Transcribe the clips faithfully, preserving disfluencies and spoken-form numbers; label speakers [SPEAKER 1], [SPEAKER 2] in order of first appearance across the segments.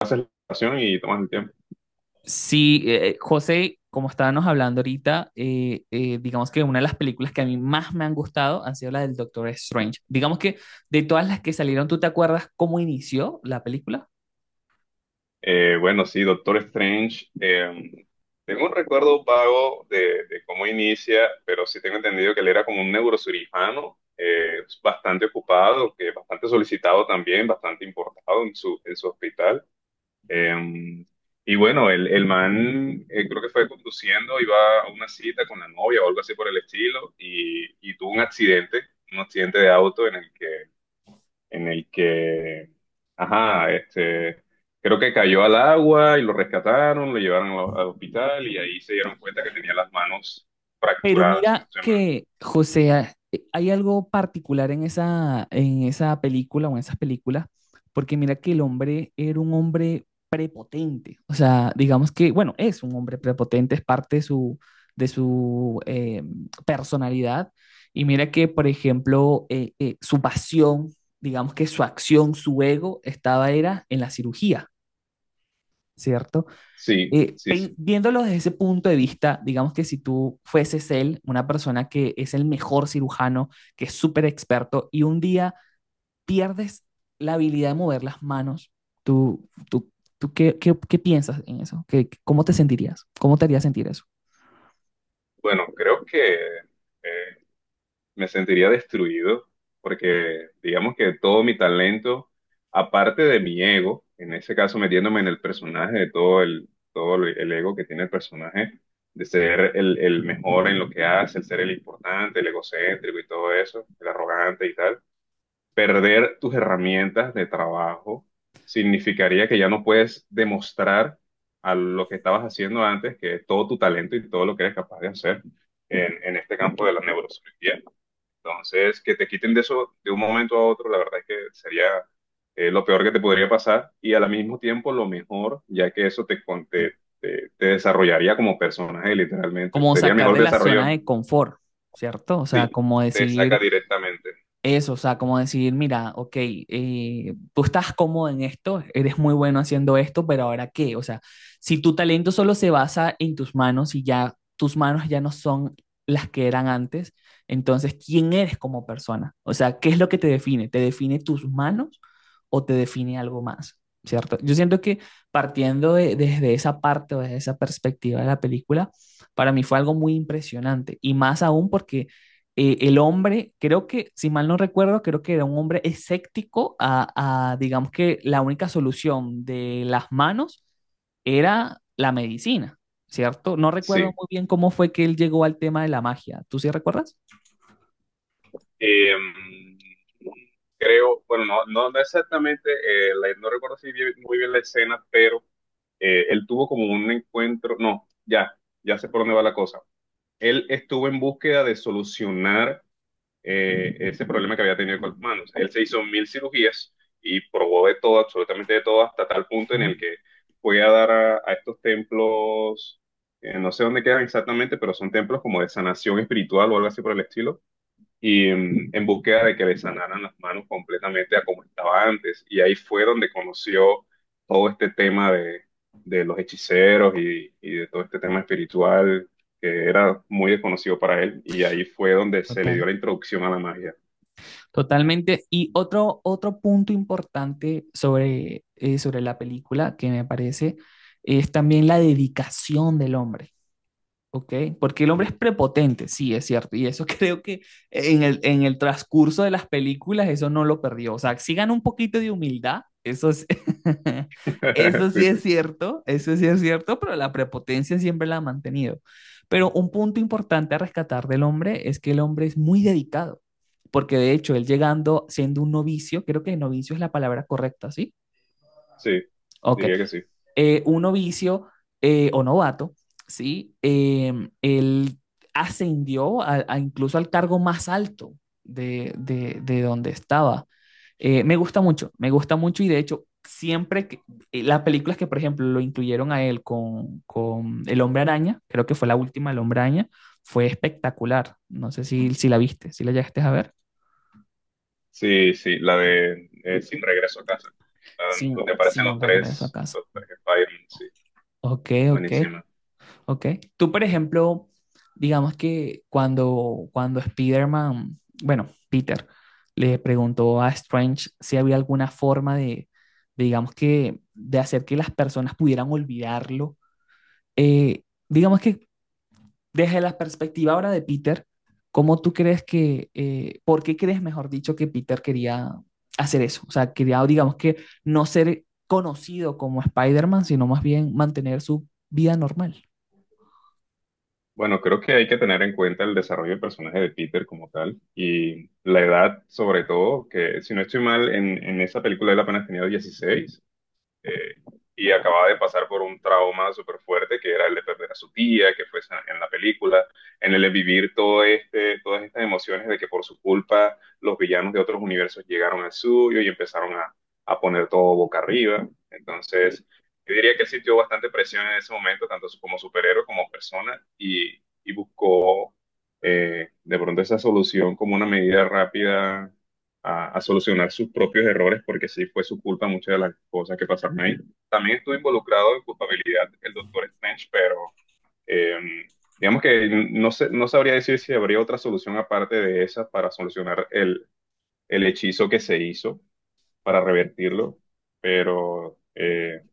[SPEAKER 1] Haces la oración y tomas el tiempo.
[SPEAKER 2] Sí, eh, José, como estábamos hablando ahorita, eh, eh, digamos que una de las películas que a mí más me han gustado han sido las del Doctor Strange. Digamos que de todas las que salieron, ¿tú te acuerdas cómo inició la película?
[SPEAKER 1] Eh, bueno, sí, Doctor Strange. Eh, tengo un recuerdo vago de, de cómo inicia, pero sí tengo entendido que él era como un neurocirujano, eh, bastante ocupado, que bastante solicitado también, bastante importado en su, en su hospital. Eh, y bueno, el, el man eh, creo que fue conduciendo, iba a una cita con la novia o algo así por el estilo, y, y tuvo un accidente, un accidente de auto en el que en el que, ajá, este, creo que cayó al agua y lo rescataron, lo llevaron al, al hospital y ahí se dieron cuenta que tenía las manos
[SPEAKER 2] Pero
[SPEAKER 1] fracturadas, si no
[SPEAKER 2] mira
[SPEAKER 1] estoy mal.
[SPEAKER 2] que, José, a- eh, hay algo particular en esa, en esa película o en esas películas, porque mira que el hombre era un hombre prepotente. O sea, digamos que, bueno, es un hombre prepotente, es parte de su, de su eh, personalidad. Y mira que, por ejemplo, eh, eh, su pasión, digamos que su acción, su ego, estaba era en la cirugía, ¿cierto?
[SPEAKER 1] Sí,
[SPEAKER 2] Eh,
[SPEAKER 1] sí,
[SPEAKER 2] pen-
[SPEAKER 1] sí.
[SPEAKER 2] viéndolo desde ese punto de vista, digamos que si tú fueses él, una persona que es el mejor cirujano, que es súper experto, y un día pierdes la habilidad de mover las manos, ¿tú, tú, tú qué, qué, qué piensas en eso? ¿Qué, qué- ¿cómo te sentirías? ¿Cómo te haría sentir eso?
[SPEAKER 1] Bueno, creo que eh, me sentiría destruido porque digamos que todo mi talento, aparte de mi ego, en ese caso metiéndome en el personaje, de todo el, todo el el ego que tiene el personaje, de ser el, el mejor en lo que hace, el ser el importante, el egocéntrico y todo eso, el arrogante y tal, perder tus herramientas de trabajo significaría que ya no puedes demostrar a lo que estabas haciendo antes que todo tu talento y todo lo que eres capaz de hacer en, en este campo de la neurociencia. Entonces, que te quiten de eso de un momento a otro, la verdad es que sería eh, lo peor que te podría pasar y al mismo tiempo lo mejor, ya que eso te, con- te, te- te desarrollaría como personaje, literalmente.
[SPEAKER 2] Como
[SPEAKER 1] Sería
[SPEAKER 2] sacar
[SPEAKER 1] mejor
[SPEAKER 2] de la
[SPEAKER 1] desarrollo,
[SPEAKER 2] zona de confort, ¿cierto? O sea,
[SPEAKER 1] sí,
[SPEAKER 2] como
[SPEAKER 1] te saca
[SPEAKER 2] decir,
[SPEAKER 1] directamente,
[SPEAKER 2] eso, o sea, como decir, mira, ok, eh, tú estás cómodo en esto, eres muy bueno haciendo esto, ¿pero ahora qué? O sea, si tu talento solo se basa en tus manos y ya tus manos ya no son las que eran antes, entonces, ¿quién eres como persona? O sea, ¿qué es lo que te define? ¿Te define tus manos o te define algo más? ¿Cierto? Yo siento que partiendo de- desde esa parte o desde esa perspectiva de la película, para mí fue algo muy impresionante y más aún porque eh, el hombre, creo que, si mal no recuerdo, creo que era un hombre escéptico a, a, digamos que la única solución de las manos era la medicina, ¿cierto? No recuerdo
[SPEAKER 1] sí.
[SPEAKER 2] muy bien cómo fue que él llegó al tema de la magia. ¿Tú sí recuerdas?
[SPEAKER 1] Eh, Creo, bueno, no, no, no exactamente, eh, la- no recuerdo si bien- muy bien la escena, pero eh, él tuvo como un encuentro, no, ya, ya sé por dónde va la cosa. Él estuvo en búsqueda de solucionar eh, ese problema que había tenido con las manos. Él se hizo mil cirugías y probó de todo, absolutamente de todo, hasta tal punto en el
[SPEAKER 2] Ok,
[SPEAKER 1] que fue a dar a, a estos templos, eh, no sé dónde quedan exactamente, pero son templos como de sanación espiritual o algo así por el estilo y mm, en búsqueda de que le sanaran las manos completamente a como estaba antes. Y ahí fue donde conoció todo este tema de, de los hechiceros y, y de todo este tema espiritual que era muy desconocido para él. Y ahí fue donde se le dio
[SPEAKER 2] total,
[SPEAKER 1] la introducción a la magia.
[SPEAKER 2] totalmente. Y otro, otro punto importante sobre, eh, sobre la película que me parece es también la dedicación del hombre. Ok, porque el hombre es prepotente, sí, es cierto, y eso creo que en el, en el transcurso de las películas eso no lo perdió, o sea, si gana un poquito de humildad, eso es- eso sí
[SPEAKER 1] Sí, sí,
[SPEAKER 2] es cierto, eso sí es cierto, pero la prepotencia siempre la ha mantenido. Pero un punto importante a rescatar del hombre es que el hombre es muy dedicado, porque de hecho él llegando siendo un novicio, creo que novicio es la palabra correcta, ¿sí?
[SPEAKER 1] sí,
[SPEAKER 2] Ok,
[SPEAKER 1] diría que sí.
[SPEAKER 2] eh, un novicio eh, o novato, ¿sí? Eh, él ascendió a, a incluso al cargo más alto de, de, de donde estaba. Eh, me gusta mucho, me gusta mucho y de hecho siempre que, eh, las películas que por ejemplo lo incluyeron a él con, con El Hombre Araña, creo que fue la última El Hombre Araña, fue espectacular. No sé si, si la viste, si la llegaste a ver.
[SPEAKER 1] Sí, sí, la de eh, Sin Regreso a Casa, la
[SPEAKER 2] Sin,
[SPEAKER 1] donde aparecen los
[SPEAKER 2] sin regreso a
[SPEAKER 1] tres,
[SPEAKER 2] casa.
[SPEAKER 1] los tres Spider-Man, sí,
[SPEAKER 2] Ok, ok.
[SPEAKER 1] buenísima.
[SPEAKER 2] Ok. Tú, por ejemplo, digamos que cuando, cuando Spider-Man, bueno, Peter, le preguntó a Strange si había alguna forma de, de, digamos que, de hacer que las personas pudieran olvidarlo. eh, digamos que desde la perspectiva ahora de Peter, ¿cómo tú crees que, eh, por qué crees, mejor dicho, que Peter quería hacer eso? O sea, quería, digamos que, no ser conocido como Spider-Man, sino más bien mantener su vida normal.
[SPEAKER 1] Bueno, creo que hay que tener en cuenta el desarrollo del personaje de Peter como tal y la edad sobre todo, que si no estoy mal, en, en esa película él apenas tenía dieciséis eh, y acababa de pasar por un trauma súper fuerte que era el de perder a su tía, que fue en la película, en el de vivir todo este, todas estas emociones de que por su culpa los villanos de otros universos llegaron al suyo y empezaron a, a poner todo boca arriba. Entonces, yo diría que él sintió bastante presión en ese momento, tanto como superhéroe como persona, y, y buscó eh, de pronto esa solución como una medida rápida a, a solucionar sus propios errores, porque sí fue su culpa muchas de las cosas que pasaron ahí. También estuvo involucrado en culpabilidad el doctor Strange, pero eh, digamos que no sé, no sabría decir si habría otra solución aparte de esa para solucionar el, el hechizo que se hizo, para revertirlo, pero... eh,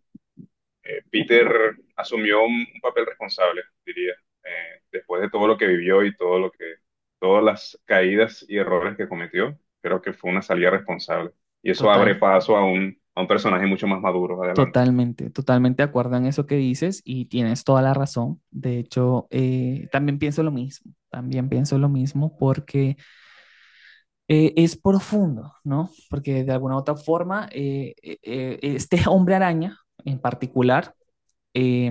[SPEAKER 1] eh, Peter asumió un, un papel responsable, diría, eh, después de todo lo que vivió y todo lo que, todas las caídas y errores que cometió, creo que fue una salida responsable. Y eso abre
[SPEAKER 2] Total.
[SPEAKER 1] paso a un, a un personaje mucho más maduro adelante.
[SPEAKER 2] Totalmente, totalmente de acuerdo en eso que dices y tienes toda la razón. De hecho, eh, también pienso lo mismo, también pienso lo mismo porque eh, es profundo, ¿no? Porque de alguna u otra forma, eh, eh, eh, este hombre araña en particular, eh,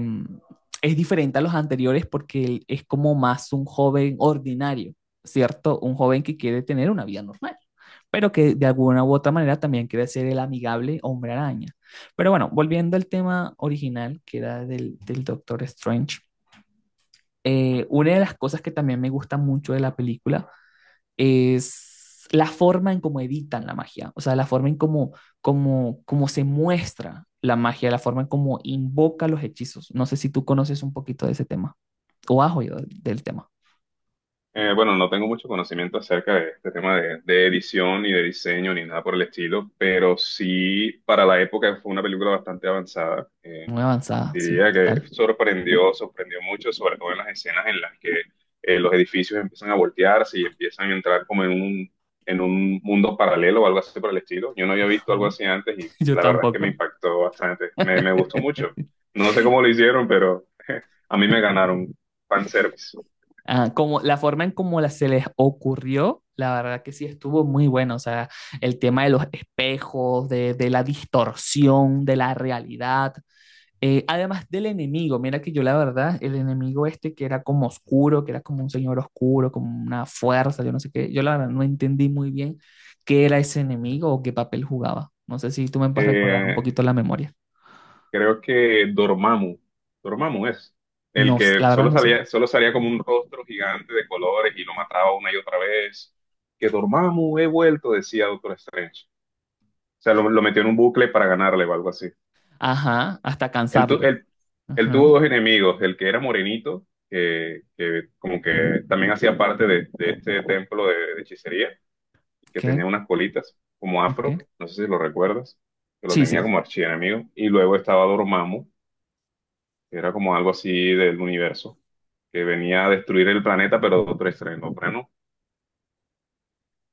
[SPEAKER 2] es diferente a los anteriores porque él es como más un joven ordinario, ¿cierto? Un joven que quiere tener una vida normal, pero que de alguna u otra manera también quiere ser el amigable hombre araña. Pero bueno, volviendo al tema original, que era del, del Doctor Strange, eh, una de las cosas que también me gusta mucho de la película es la forma en cómo editan la magia, o sea, la forma en cómo, cómo, cómo se muestra la magia, la forma en cómo invoca los hechizos. No sé si tú conoces un poquito de ese tema o has oído del tema.
[SPEAKER 1] Eh, bueno, no tengo mucho conocimiento acerca de este tema de, de edición ni de diseño ni nada por el estilo, pero sí para la época fue una película bastante avanzada. Eh,
[SPEAKER 2] Muy avanzada, sí,
[SPEAKER 1] Diría que
[SPEAKER 2] tal.
[SPEAKER 1] sorprendió, sorprendió mucho, sobre todo en las escenas en las que eh, los edificios empiezan a voltearse y empiezan a entrar como en un, en un mundo paralelo o algo así por el estilo. Yo no había visto algo
[SPEAKER 2] Ajá.
[SPEAKER 1] así antes y
[SPEAKER 2] Yo
[SPEAKER 1] la verdad es que
[SPEAKER 2] tampoco.
[SPEAKER 1] me impactó bastante, me, me gustó mucho. No sé cómo lo hicieron, pero a mí me ganaron fanservice.
[SPEAKER 2] Ah, como la forma en cómo la, se les ocurrió, la verdad que sí estuvo muy bueno. O sea, el tema de los espejos, de, de la distorsión de la realidad, Eh, además del enemigo, mira que yo la verdad, el enemigo este que era como oscuro, que era como un señor oscuro, como una fuerza, yo no sé qué, yo la verdad no entendí muy bien qué era ese enemigo o qué papel jugaba. No sé si tú me puedes recordar un
[SPEAKER 1] Service
[SPEAKER 2] poquito la memoria.
[SPEAKER 1] creo que Dormammu, Dormammu es el
[SPEAKER 2] No, s-
[SPEAKER 1] que
[SPEAKER 2] la verdad
[SPEAKER 1] solo
[SPEAKER 2] no sé.
[SPEAKER 1] salía, solo salía como un rostro gigante de colores y lo mataba una y otra vez. Que Dormammu he vuelto, decía Doctor Strange. O sea, lo, lo metió en un bucle para ganarle o algo así.
[SPEAKER 2] Ajá, hasta
[SPEAKER 1] Él, tu-
[SPEAKER 2] cansarlo.
[SPEAKER 1] él, él
[SPEAKER 2] Ajá,
[SPEAKER 1] tuvo dos enemigos, el que era morenito, que, que como que también hacía parte de, de este templo de, de hechicería, que
[SPEAKER 2] ok,
[SPEAKER 1] tenía unas colitas como afro,
[SPEAKER 2] ok.
[SPEAKER 1] no sé si lo recuerdas, que lo
[SPEAKER 2] Sí,
[SPEAKER 1] tenía
[SPEAKER 2] sí,
[SPEAKER 1] como archienemigo. Y luego estaba Dormammu, era como algo así del universo, que venía a destruir el planeta, pero de otro estreno, plano.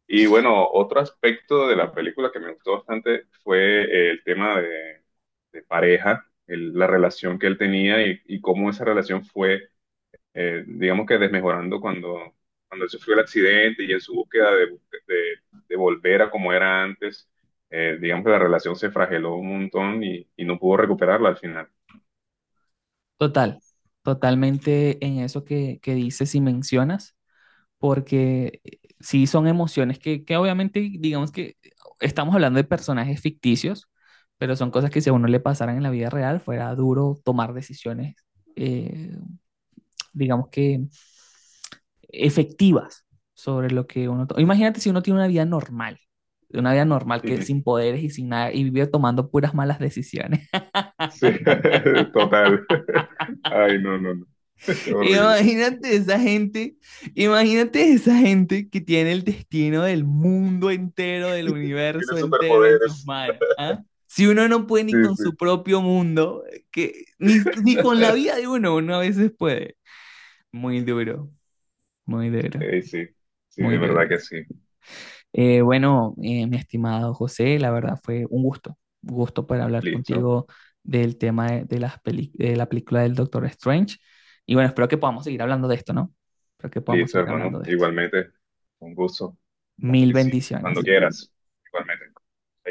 [SPEAKER 1] Y bueno, otro aspecto de la película que me gustó bastante fue eh, el tema de, de pareja, el- la relación que él tenía y, y cómo esa relación fue, eh, digamos que desmejorando cuando, cuando él sufrió el accidente y en su búsqueda de, de, de volver a como era antes, eh, digamos que la relación se frageló un montón y, y no pudo recuperarla al final.
[SPEAKER 2] total, totalmente en eso que, que dices y mencionas. Porque eh, sí son emociones que, que obviamente, digamos que estamos hablando de personajes ficticios, pero son cosas que si a uno le pasaran en la vida real, fuera duro tomar decisiones, eh, digamos que efectivas sobre lo que uno... to- Imagínate si uno tiene una vida normal, una vida normal que sin poderes y sin nada, y vive tomando puras malas decisiones.
[SPEAKER 1] Sí, total. Ay, no, no, no. Horrible.
[SPEAKER 2] Imagínate esa gente, imagínate esa gente que tiene el destino del mundo entero, del
[SPEAKER 1] Tiene
[SPEAKER 2] universo entero en sus
[SPEAKER 1] superpoderes.
[SPEAKER 2] manos, ¿ah? Si uno no puede ni
[SPEAKER 1] Sí,
[SPEAKER 2] con
[SPEAKER 1] sí.
[SPEAKER 2] su propio mundo, que, ni, ni con la vida de uno, uno a veces puede. Muy duro, muy duro,
[SPEAKER 1] Eh, sí, sí,
[SPEAKER 2] muy
[SPEAKER 1] de
[SPEAKER 2] duro.
[SPEAKER 1] verdad que sí.
[SPEAKER 2] Eh, bueno, eh, mi estimado José, la verdad fue un gusto, un gusto poder hablar
[SPEAKER 1] Listo,
[SPEAKER 2] contigo del tema de, de las peli- de la película del Doctor Strange. Y bueno, espero que podamos seguir hablando de esto, ¿no? Espero que podamos
[SPEAKER 1] listo,
[SPEAKER 2] seguir
[SPEAKER 1] hermano.
[SPEAKER 2] hablando de esto.
[SPEAKER 1] Igualmente, un gusto. Claro
[SPEAKER 2] Mil
[SPEAKER 1] que sí. Cuando
[SPEAKER 2] bendiciones.
[SPEAKER 1] quieras. Igualmente. Ahí